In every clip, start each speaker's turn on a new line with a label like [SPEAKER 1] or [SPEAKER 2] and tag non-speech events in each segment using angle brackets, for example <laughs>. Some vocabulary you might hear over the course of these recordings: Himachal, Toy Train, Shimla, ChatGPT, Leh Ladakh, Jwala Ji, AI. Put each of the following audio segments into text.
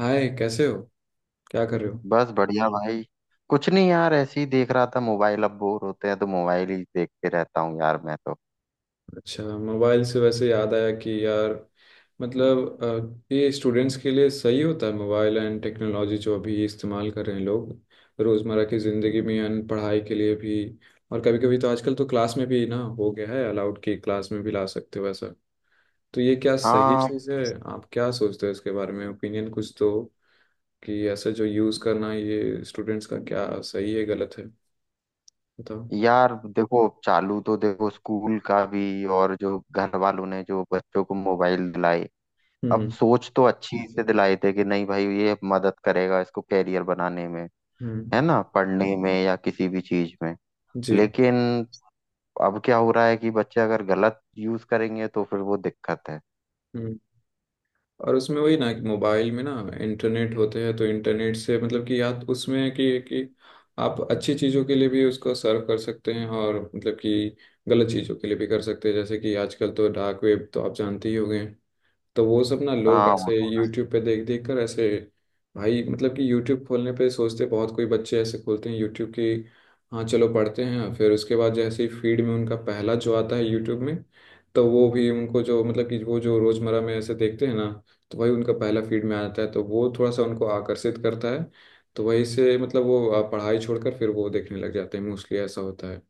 [SPEAKER 1] हाय। कैसे हो। क्या कर रहे हो।
[SPEAKER 2] बस बढ़िया भाई। कुछ नहीं यार, ऐसे ही देख रहा था मोबाइल। अब बोर होते हैं तो मोबाइल ही देखते रहता हूँ यार मैं तो।
[SPEAKER 1] अच्छा, मोबाइल से वैसे याद आया कि यार। मतलब ये स्टूडेंट्स के लिए सही होता है मोबाइल एंड टेक्नोलॉजी जो अभी इस्तेमाल कर रहे हैं लोग, रोज़मर्रा की ज़िंदगी में एंड पढ़ाई के लिए भी। और कभी कभी तो आजकल तो क्लास में भी ना हो गया है अलाउड, कि क्लास में भी ला सकते हो ऐसा। तो ये क्या सही
[SPEAKER 2] हाँ,
[SPEAKER 1] चीज़ है। आप क्या सोचते हो इसके बारे में, ओपिनियन कुछ दो कि ऐसा जो यूज़ करना ये स्टूडेंट्स का क्या सही है गलत है, बताओ।
[SPEAKER 2] यार देखो। चालू तो देखो स्कूल का भी, और जो घर वालों ने जो बच्चों को मोबाइल दिलाए।
[SPEAKER 1] हम्म।
[SPEAKER 2] अब
[SPEAKER 1] हम्म।
[SPEAKER 2] सोच तो अच्छी से दिलाए थे कि नहीं भाई, ये मदद करेगा इसको कैरियर बनाने में।
[SPEAKER 1] हम्म,
[SPEAKER 2] है ना, पढ़ने में या किसी भी चीज में।
[SPEAKER 1] जी।
[SPEAKER 2] लेकिन अब क्या हो रहा है कि बच्चे अगर गलत यूज करेंगे तो फिर वो दिक्कत है।
[SPEAKER 1] और उसमें वही ना कि मोबाइल में ना, इंटरनेट होते हैं तो इंटरनेट से मतलब कि याद उसमें है कि आप अच्छी चीज़ों के लिए भी उसको सर्व कर सकते हैं, और मतलब कि गलत चीज़ों के लिए भी कर सकते हैं। जैसे कि आजकल तो डार्क वेब तो आप जानते ही होंगे। तो वो सब ना लोग ऐसे
[SPEAKER 2] हाँ।
[SPEAKER 1] यूट्यूब पे देख देख कर ऐसे भाई, मतलब कि यूट्यूब खोलने पे सोचते बहुत, कोई बच्चे ऐसे खोलते हैं यूट्यूब की हाँ चलो पढ़ते हैं, फिर उसके बाद जैसे ही फीड में उनका पहला जो आता है यूट्यूब में, तो वो भी उनको जो मतलब कि वो जो रोजमर्रा में ऐसे देखते हैं ना, तो भाई उनका पहला फीड में आता है तो वो थोड़ा सा उनको आकर्षित करता है। तो वहीं से मतलब वो पढ़ाई छोड़कर फिर वो देखने लग जाते हैं, मोस्टली ऐसा होता है।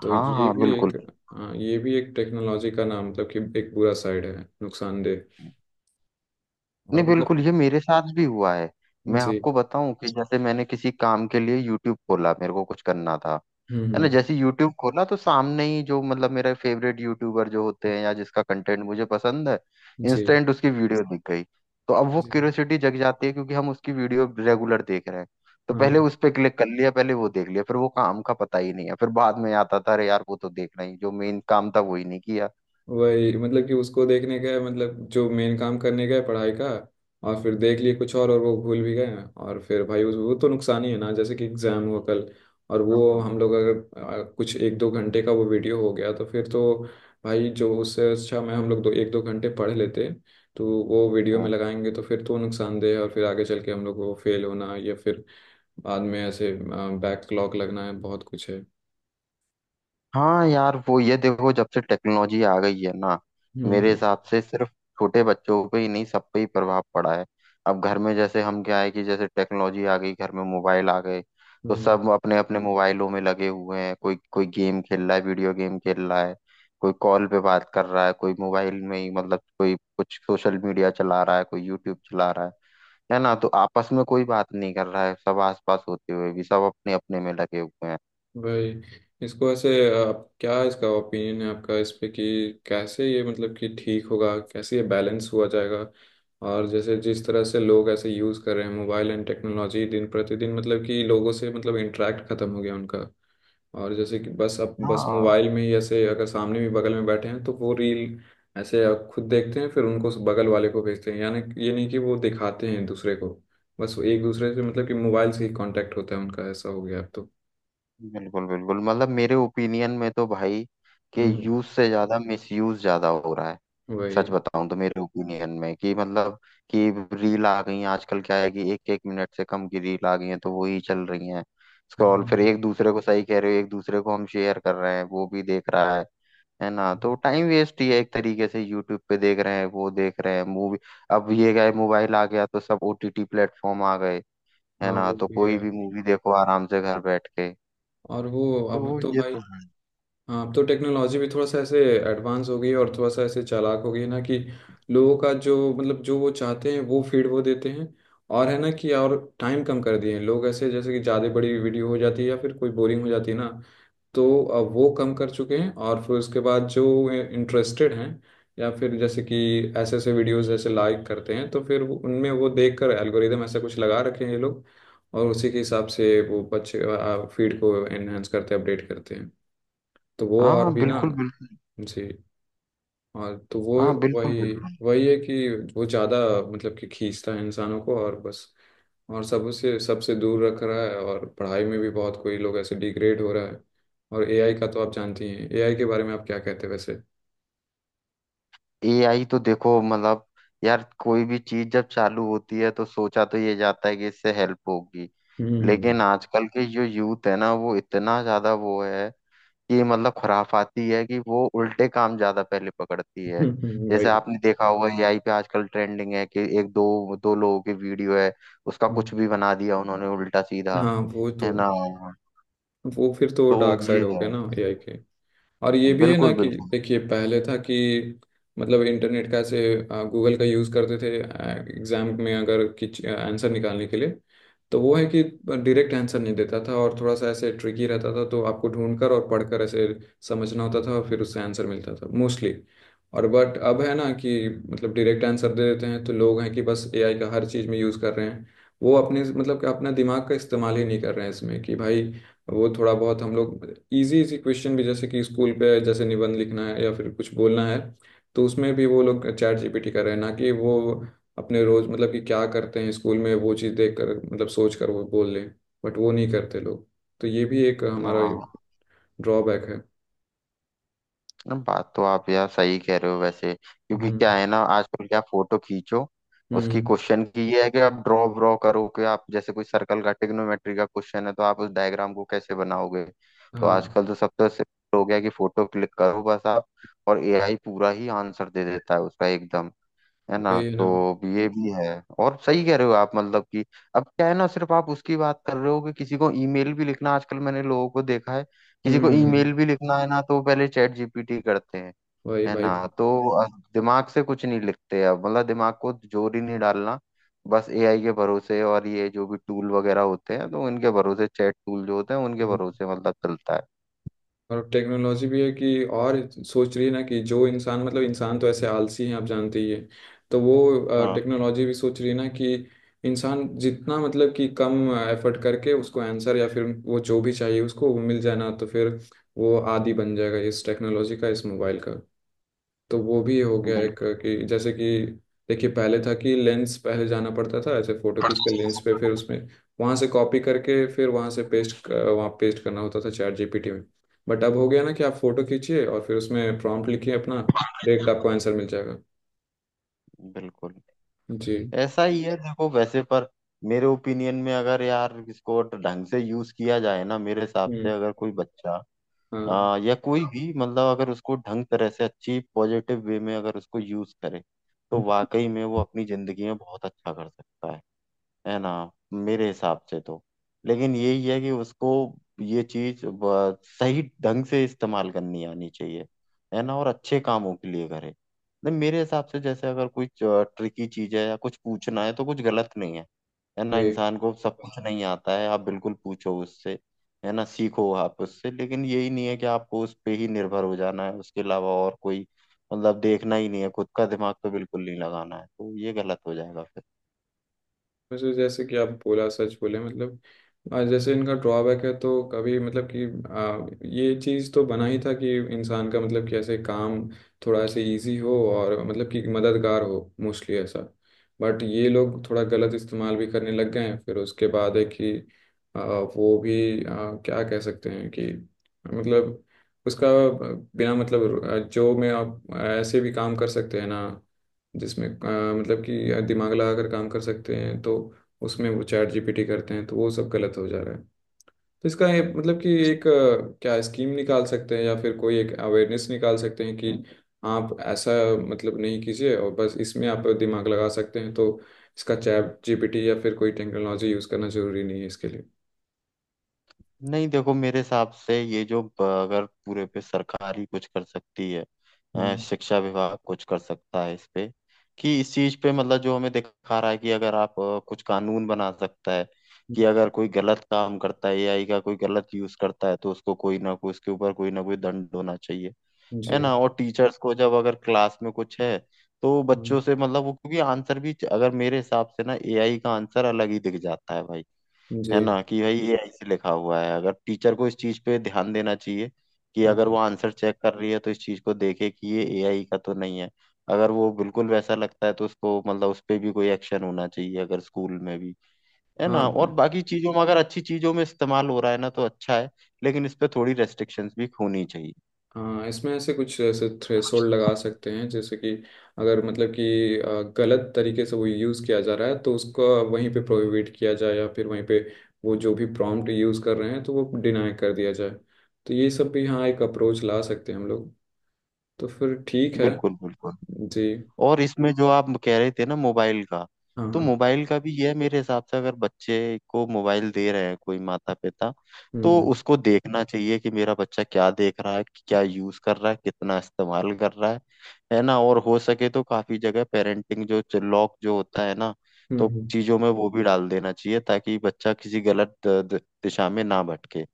[SPEAKER 1] तो
[SPEAKER 2] हाँ
[SPEAKER 1] ये
[SPEAKER 2] हाँ
[SPEAKER 1] भी एक।
[SPEAKER 2] बिल्कुल।
[SPEAKER 1] हाँ, ये भी एक टेक्नोलॉजी का ना, मतलब कि एक बुरा साइड है, नुकसानदेह।
[SPEAKER 2] नहीं
[SPEAKER 1] और मतलब।
[SPEAKER 2] बिल्कुल, ये मेरे साथ भी हुआ है। मैं
[SPEAKER 1] जी।
[SPEAKER 2] आपको बताऊं कि जैसे मैंने किसी काम के लिए यूट्यूब खोला, मेरे को कुछ करना था।
[SPEAKER 1] हम्म।
[SPEAKER 2] है ना,
[SPEAKER 1] हम्म।
[SPEAKER 2] जैसे यूट्यूब खोला तो सामने ही जो मतलब मेरा फेवरेट यूट्यूबर जो होते हैं या जिसका कंटेंट मुझे पसंद है,
[SPEAKER 1] जी।
[SPEAKER 2] इंस्टेंट उसकी वीडियो दिख गई। तो अब वो
[SPEAKER 1] जी।
[SPEAKER 2] क्यूरियोसिटी जग जाती है क्योंकि हम उसकी वीडियो रेगुलर देख रहे हैं। तो पहले
[SPEAKER 1] हाँ।
[SPEAKER 2] उस पे क्लिक कर लिया, पहले वो देख लिया, फिर वो काम का पता ही नहीं है। फिर बाद में आता था, अरे यार, वो तो देखना ही जो मेन काम था वो ही नहीं किया।
[SPEAKER 1] वही, मतलब कि उसको देखने गए, मतलब जो मेन काम करने गए पढ़ाई का, और फिर देख लिए कुछ और वो भूल भी गए, और फिर भाई उस वो तो नुकसान ही है ना। जैसे कि एग्जाम हुआ कल और वो हम लोग अगर कुछ एक दो घंटे का वो वीडियो हो गया, तो फिर तो भाई जो उससे अच्छा मैं हम लोग दो एक दो घंटे पढ़ लेते। तो वो वीडियो में
[SPEAKER 2] हाँ।
[SPEAKER 1] लगाएंगे तो फिर तो नुकसानदेह है, और फिर आगे चल के हम लोग को फेल होना या फिर बाद में ऐसे बैकलॉग लगना है, बहुत कुछ है।
[SPEAKER 2] हाँ यार, वो ये देखो, जब से टेक्नोलॉजी आ गई है ना, मेरे
[SPEAKER 1] हम्म।
[SPEAKER 2] हिसाब से सिर्फ छोटे बच्चों पे ही नहीं, सब पे ही प्रभाव पड़ा है। अब घर में जैसे, हम क्या है कि जैसे टेक्नोलॉजी आ गई घर में, मोबाइल आ गए। तो
[SPEAKER 1] हम्म।
[SPEAKER 2] सब अपने अपने मोबाइलों में लगे हुए हैं। कोई कोई गेम खेल रहा है, वीडियो गेम खेल रहा है। कोई कॉल पे बात कर रहा है, कोई मोबाइल में ही मतलब कोई कुछ सोशल मीडिया चला रहा है, कोई यूट्यूब चला रहा है। है ना, तो आपस में कोई बात नहीं कर रहा है, सब आसपास होते हुए भी सब अपने अपने में लगे हुए हैं।
[SPEAKER 1] भाई इसको ऐसे, आप क्या इसका ओपिनियन है आपका इस पे, कि कैसे ये मतलब कि ठीक होगा, कैसे ये बैलेंस हुआ जाएगा। और जैसे जिस तरह से लोग ऐसे यूज़ कर रहे हैं मोबाइल एंड टेक्नोलॉजी दिन प्रतिदिन, मतलब कि लोगों से मतलब इंटरेक्ट खत्म हो गया उनका। और जैसे कि बस अब बस
[SPEAKER 2] हाँ
[SPEAKER 1] मोबाइल में ही ऐसे, अगर सामने भी बगल में बैठे हैं तो वो रील ऐसे आप खुद देखते हैं, फिर उनको उस बगल वाले को भेजते हैं, यानी कि- ये नहीं कि वो दिखाते हैं दूसरे को। बस वो एक दूसरे से मतलब कि मोबाइल से ही कांटेक्ट होता है उनका, ऐसा हो गया अब तो।
[SPEAKER 2] बिल्कुल बिल्कुल। मतलब मेरे ओपिनियन में तो भाई, कि
[SPEAKER 1] हम्म।
[SPEAKER 2] यूज से ज्यादा मिसयूज ज्यादा हो रहा है। सच
[SPEAKER 1] वही।
[SPEAKER 2] बताऊं तो मेरे ओपिनियन में, कि मतलब कि रील आ गई हैं आजकल, क्या है कि एक एक मिनट से कम की रील आ गई हैं तो वही चल रही हैं। स्क्रॉल, फिर
[SPEAKER 1] हाँ।
[SPEAKER 2] एक दूसरे को सही कह रहे हो, एक दूसरे को हम शेयर कर रहे हैं, वो भी देख रहा है। है ना, तो टाइम वेस्ट ही है एक तरीके से। यूट्यूब पे देख रहे हैं, वो देख रहे हैं मूवी। अब ये गए, मोबाइल आ गया तो सब ओटीटी प्लेटफॉर्म आ गए। है
[SPEAKER 1] हाँ,
[SPEAKER 2] ना,
[SPEAKER 1] वो
[SPEAKER 2] तो
[SPEAKER 1] भी है।
[SPEAKER 2] कोई भी मूवी देखो आराम से घर बैठ के।
[SPEAKER 1] और वो अब
[SPEAKER 2] तो
[SPEAKER 1] तो
[SPEAKER 2] ये
[SPEAKER 1] भाई।
[SPEAKER 2] तो है।
[SPEAKER 1] हाँ, अब तो टेक्नोलॉजी भी थोड़ा सा ऐसे एडवांस हो गई है, और थोड़ा सा ऐसे चालाक हो गई है ना, कि लोगों का जो मतलब जो वो चाहते हैं वो फीड वो देते हैं। और है ना कि और टाइम कम कर दिए हैं लोग ऐसे, जैसे कि ज़्यादा बड़ी वीडियो हो जाती है या फिर कोई बोरिंग हो जाती है ना, तो वो कम कर चुके हैं, और फिर उसके बाद जो इंटरेस्टेड हैं या फिर जैसे कि ऐसे ऐसे वीडियोस जैसे लाइक करते हैं, तो फिर उनमें वो देखकर एल्गोरिदम ऐसा कुछ लगा रखे हैं ये लोग, और उसी के हिसाब से वो बच्चे फीड को एनहेंस करते हैं, अपडेट करते हैं, तो वो
[SPEAKER 2] हाँ
[SPEAKER 1] और
[SPEAKER 2] हाँ
[SPEAKER 1] भी ना।
[SPEAKER 2] बिल्कुल बिल्कुल।
[SPEAKER 1] जी। और तो वो।
[SPEAKER 2] हाँ बिल्कुल
[SPEAKER 1] वही।
[SPEAKER 2] बिल्कुल।
[SPEAKER 1] वही है कि वो ज़्यादा मतलब कि खींचता है इंसानों को और बस, और सबसे सबसे दूर रख रहा है, और पढ़ाई में भी बहुत कोई लोग ऐसे डिग्रेड हो रहा है। और एआई का तो आप जानती हैं, एआई के बारे में आप क्या कहते हैं वैसे।
[SPEAKER 2] एआई तो देखो मतलब, यार कोई भी चीज जब चालू होती है तो सोचा तो ये जाता है कि इससे हेल्प होगी।
[SPEAKER 1] हम्म।
[SPEAKER 2] लेकिन आजकल के जो यूथ है ना, वो इतना ज्यादा वो है कि मतलब खुराफाती है, कि वो उल्टे काम ज्यादा पहले पकड़ती है।
[SPEAKER 1] <laughs>
[SPEAKER 2] जैसे
[SPEAKER 1] वही।
[SPEAKER 2] आपने देखा होगा एआई पे आजकल ट्रेंडिंग है कि एक दो दो लोगों की वीडियो है, उसका कुछ
[SPEAKER 1] हम्म।
[SPEAKER 2] भी बना दिया उन्होंने उल्टा सीधा।
[SPEAKER 1] हाँ वो तो।
[SPEAKER 2] है ना,
[SPEAKER 1] वो फिर तो
[SPEAKER 2] तो
[SPEAKER 1] डार्क
[SPEAKER 2] ये
[SPEAKER 1] साइड हो
[SPEAKER 2] है।
[SPEAKER 1] गया ना एआई के। और ये भी है ना
[SPEAKER 2] बिल्कुल
[SPEAKER 1] कि
[SPEAKER 2] बिल्कुल।
[SPEAKER 1] देखिए पहले था कि मतलब इंटरनेट का ऐसे गूगल का यूज़ करते थे, एग्जाम में अगर किच आंसर निकालने के लिए, तो वो है कि डायरेक्ट आंसर नहीं देता था, और थोड़ा सा ऐसे ट्रिकी रहता था, तो आपको ढूंढकर और पढ़कर ऐसे समझना होता था, और फिर उससे आंसर मिलता था मोस्टली। और बट अब है ना कि मतलब डायरेक्ट आंसर दे देते हैं, तो लोग हैं कि बस एआई का हर चीज़ में यूज़ कर रहे हैं। वो अपने मतलब कि अपना दिमाग का इस्तेमाल ही नहीं कर रहे हैं इसमें, कि भाई वो थोड़ा बहुत हम लोग इजी इजी क्वेश्चन भी, जैसे कि स्कूल पे जैसे निबंध लिखना है या फिर कुछ बोलना है, तो उसमें भी वो लोग चैट जीपीटी कर रहे हैं, ना कि वो अपने रोज मतलब कि क्या करते हैं स्कूल में वो चीज़ देख कर मतलब सोच कर वो बोल लें, बट वो नहीं करते लोग। तो ये भी एक हमारा
[SPEAKER 2] हाँ।
[SPEAKER 1] ड्रॉबैक है।
[SPEAKER 2] नहीं, बात तो आप यार सही कह रहे हो वैसे, क्योंकि क्या
[SPEAKER 1] हम्म।
[SPEAKER 2] है ना आजकल, क्या फोटो खींचो। उसकी
[SPEAKER 1] हम्म।
[SPEAKER 2] क्वेश्चन की ये है कि आप ड्रॉ ड्रॉ करो, कि आप जैसे कोई सर्कल का, ट्रिग्नोमेट्री का क्वेश्चन है तो आप उस डायग्राम को कैसे बनाओगे। तो
[SPEAKER 1] हाँ,
[SPEAKER 2] आजकल तो सब तो सिर्फ हो गया कि फोटो क्लिक करो बस आप, और एआई पूरा ही आंसर दे देता है उसका एकदम। है ना,
[SPEAKER 1] वही ना।
[SPEAKER 2] तो ये भी है। और सही कह रहे हो आप, मतलब कि अब क्या है ना, सिर्फ आप उसकी बात कर रहे हो कि किसी को ईमेल भी लिखना, आजकल मैंने लोगों को देखा है। किसी
[SPEAKER 1] हम्म,
[SPEAKER 2] को ईमेल भी लिखना है ना, तो वो पहले चैट जीपीटी करते हैं।
[SPEAKER 1] वही
[SPEAKER 2] है
[SPEAKER 1] भाई।
[SPEAKER 2] ना। तो अब दिमाग से कुछ नहीं लिखते, अब मतलब दिमाग को जोर ही नहीं डालना, बस एआई के भरोसे। और ये जो भी टूल वगैरह होते हैं तो उनके भरोसे, चैट टूल जो होते हैं उनके भरोसे मतलब चलता है।
[SPEAKER 1] और टेक्नोलॉजी भी है कि और सोच रही है ना कि जो इंसान मतलब इंसान तो ऐसे आलसी हैं, आप जानते ही हैं, तो वो
[SPEAKER 2] हाँ
[SPEAKER 1] टेक्नोलॉजी भी सोच रही है ना, कि इंसान जितना मतलब कि कम एफर्ट करके उसको आंसर या फिर वो जो भी चाहिए उसको वो मिल जाए ना, तो फिर वो आदी बन जाएगा इस टेक्नोलॉजी का, इस मोबाइल का। तो वो भी हो गया एक,
[SPEAKER 2] बिल्कुल
[SPEAKER 1] कि जैसे कि देखिए पहले था कि लेंस पहले जाना पड़ता था, ऐसे फोटो खींच के लेंस पे, फिर उसमें वहां से कॉपी करके फिर वहां से पेस्ट, वहां पेस्ट करना होता था चैट जीपीटी में। बट अब हो गया ना कि आप फोटो खींचिए और फिर उसमें प्रॉम्प्ट लिखिए अपना, डायरेक्ट आपको आंसर मिल जाएगा।
[SPEAKER 2] बिल्कुल।
[SPEAKER 1] जी।
[SPEAKER 2] ऐसा ही है देखो वैसे। पर मेरे ओपिनियन में अगर यार इसको ढंग से यूज किया जाए ना, मेरे हिसाब से
[SPEAKER 1] हम्म।
[SPEAKER 2] अगर कोई बच्चा
[SPEAKER 1] हाँ।
[SPEAKER 2] या कोई भी, मतलब अगर उसको ढंग तरह से अच्छी पॉजिटिव वे में अगर उसको यूज करे, तो वाकई में वो अपनी जिंदगी में बहुत अच्छा कर सकता है। है ना, मेरे हिसाब से तो। लेकिन यही है कि उसको ये चीज सही ढंग से इस्तेमाल करनी आनी चाहिए। है ना, और अच्छे कामों के लिए करे। नहीं मेरे हिसाब से जैसे अगर कोई ट्रिकी चीज है या कुछ पूछना है तो कुछ गलत नहीं है। है ना,
[SPEAKER 1] वही।
[SPEAKER 2] इंसान को सब कुछ नहीं आता है, आप बिल्कुल पूछो उससे। है ना, सीखो आप उससे। लेकिन यही नहीं है कि आपको उस पे ही निर्भर हो जाना है, उसके अलावा और कोई मतलब देखना ही नहीं है, खुद का दिमाग तो बिल्कुल नहीं लगाना है, तो ये गलत हो जाएगा फिर।
[SPEAKER 1] वैसे जैसे कि आप बोला सच बोले मतलब, जैसे इनका ड्रॉबैक है तो कभी मतलब कि ये चीज़ तो बना ही था कि इंसान का मतलब कि ऐसे काम थोड़ा ऐसे इजी हो और मतलब कि मददगार हो, मोस्टली ऐसा। बट ये लोग थोड़ा गलत इस्तेमाल भी करने लग गए हैं, फिर उसके बाद है कि आ, वो भी क्या कह सकते हैं कि मतलब उसका, बिना मतलब जो में आप ऐसे भी काम कर सकते हैं ना, जिसमें मतलब कि दिमाग लगा कर काम कर सकते हैं, तो उसमें वो चैट जीपीटी करते हैं, तो वो सब गलत हो जा रहा है। तो इसका ये मतलब कि एक क्या स्कीम निकाल सकते हैं या फिर कोई एक अवेयरनेस निकाल सकते हैं, कि आप ऐसा मतलब नहीं कीजिए और बस इसमें आप दिमाग लगा सकते हैं, तो इसका चैट जीपीटी या फिर कोई टेक्नोलॉजी यूज़ करना ज़रूरी नहीं है इसके लिए।
[SPEAKER 2] नहीं देखो, मेरे हिसाब से ये जो अगर पूरे पे सरकार ही कुछ कर सकती है,
[SPEAKER 1] हम्म।
[SPEAKER 2] शिक्षा विभाग कुछ कर सकता है इस पे। कि इस चीज पे मतलब जो हमें दिखा रहा है कि अगर आप कुछ कानून बना सकता है
[SPEAKER 1] हम्म,
[SPEAKER 2] कि अगर कोई गलत काम करता है एआई का, कोई गलत यूज करता है, तो उसको कोई ना कोई, उसके ऊपर कोई ना कोई दंड होना चाहिए।
[SPEAKER 1] जी।
[SPEAKER 2] है ना, और टीचर्स को जब अगर क्लास में कुछ है तो
[SPEAKER 1] हम्म।
[SPEAKER 2] बच्चों से मतलब वो, क्योंकि आंसर भी अगर मेरे हिसाब से ना, एआई का आंसर अलग ही दिख जाता है भाई। है
[SPEAKER 1] जी।
[SPEAKER 2] ना, कि भाई ये ऐसे लिखा हुआ है। अगर टीचर को इस चीज पे ध्यान देना चाहिए कि अगर वो
[SPEAKER 1] हाँ।
[SPEAKER 2] आंसर चेक कर रही है तो इस चीज को देखे कि ये एआई का तो नहीं है। अगर वो बिल्कुल वैसा लगता है, तो उसको मतलब उस पे भी कोई एक्शन होना चाहिए, अगर स्कूल में भी। है
[SPEAKER 1] हाँ।
[SPEAKER 2] ना, और
[SPEAKER 1] हाँ।
[SPEAKER 2] बाकी चीजों में अगर अच्छी चीजों में इस्तेमाल हो रहा है ना, तो अच्छा है। लेकिन इस पे थोड़ी रेस्ट्रिक्शंस भी होनी चाहिए।
[SPEAKER 1] हाँ, इसमें ऐसे कुछ ऐसे थ्रेशोल्ड लगा सकते हैं, जैसे कि अगर मतलब कि गलत तरीके से वो यूज़ किया जा रहा है तो उसको वहीं पे प्रोहिबिट किया जाए, या फिर वहीं पे वो जो भी प्रॉम्प्ट यूज़ कर रहे हैं तो वो डिनाई कर दिया जाए। तो ये सब भी हाँ एक अप्रोच ला सकते हैं हम लोग। तो फिर ठीक है।
[SPEAKER 2] बिल्कुल बिल्कुल।
[SPEAKER 1] जी।
[SPEAKER 2] और इसमें जो आप कह रहे थे ना, मोबाइल का,
[SPEAKER 1] हाँ।
[SPEAKER 2] तो
[SPEAKER 1] हाँ।
[SPEAKER 2] मोबाइल का भी यह मेरे हिसाब से, अगर बच्चे को मोबाइल दे रहे हैं कोई माता पिता,
[SPEAKER 1] हम्म।
[SPEAKER 2] तो
[SPEAKER 1] हम्म।
[SPEAKER 2] उसको देखना चाहिए कि मेरा बच्चा क्या देख रहा है, क्या यूज कर रहा है, कितना इस्तेमाल कर रहा है। है ना, और हो सके तो काफी जगह पेरेंटिंग जो लॉक जो होता है ना,
[SPEAKER 1] हम्म।
[SPEAKER 2] तो चीजों में वो भी डाल देना चाहिए ताकि बच्चा किसी गलत दिशा में ना भटके।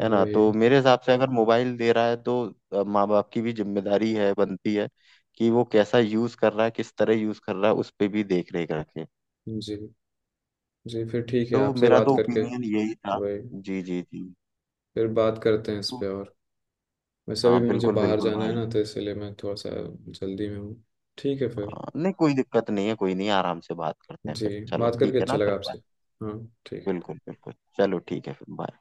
[SPEAKER 2] है ना,
[SPEAKER 1] वही।
[SPEAKER 2] तो मेरे हिसाब से अगर मोबाइल दे रहा है, तो माँ बाप की भी जिम्मेदारी है, बनती है कि वो कैसा यूज कर रहा है, किस तरह यूज कर रहा है, उस पे भी देख रेख रखे।
[SPEAKER 1] जी। जी, फिर ठीक है
[SPEAKER 2] तो
[SPEAKER 1] आपसे
[SPEAKER 2] मेरा
[SPEAKER 1] बात
[SPEAKER 2] तो
[SPEAKER 1] करके।
[SPEAKER 2] ओपिनियन यही था।
[SPEAKER 1] वही।
[SPEAKER 2] जी जी जी।
[SPEAKER 1] फिर बात करते हैं इस
[SPEAKER 2] तो
[SPEAKER 1] पे और। वैसे
[SPEAKER 2] हाँ
[SPEAKER 1] अभी मुझे
[SPEAKER 2] बिल्कुल
[SPEAKER 1] बाहर
[SPEAKER 2] बिल्कुल
[SPEAKER 1] जाना है
[SPEAKER 2] भाई।
[SPEAKER 1] ना, तो इसलिए मैं थोड़ा सा जल्दी में हूँ। ठीक है फिर।
[SPEAKER 2] हाँ, नहीं कोई दिक्कत नहीं है, कोई नहीं, आराम से बात करते हैं
[SPEAKER 1] जी।
[SPEAKER 2] फिर। चलो
[SPEAKER 1] बात
[SPEAKER 2] ठीक
[SPEAKER 1] करके
[SPEAKER 2] है
[SPEAKER 1] अच्छा
[SPEAKER 2] ना
[SPEAKER 1] लगा
[SPEAKER 2] फिर, बाय।
[SPEAKER 1] आपसे। हाँ। ठीक
[SPEAKER 2] बिल्कुल बिल्कुल, चलो ठीक है फिर, बाय।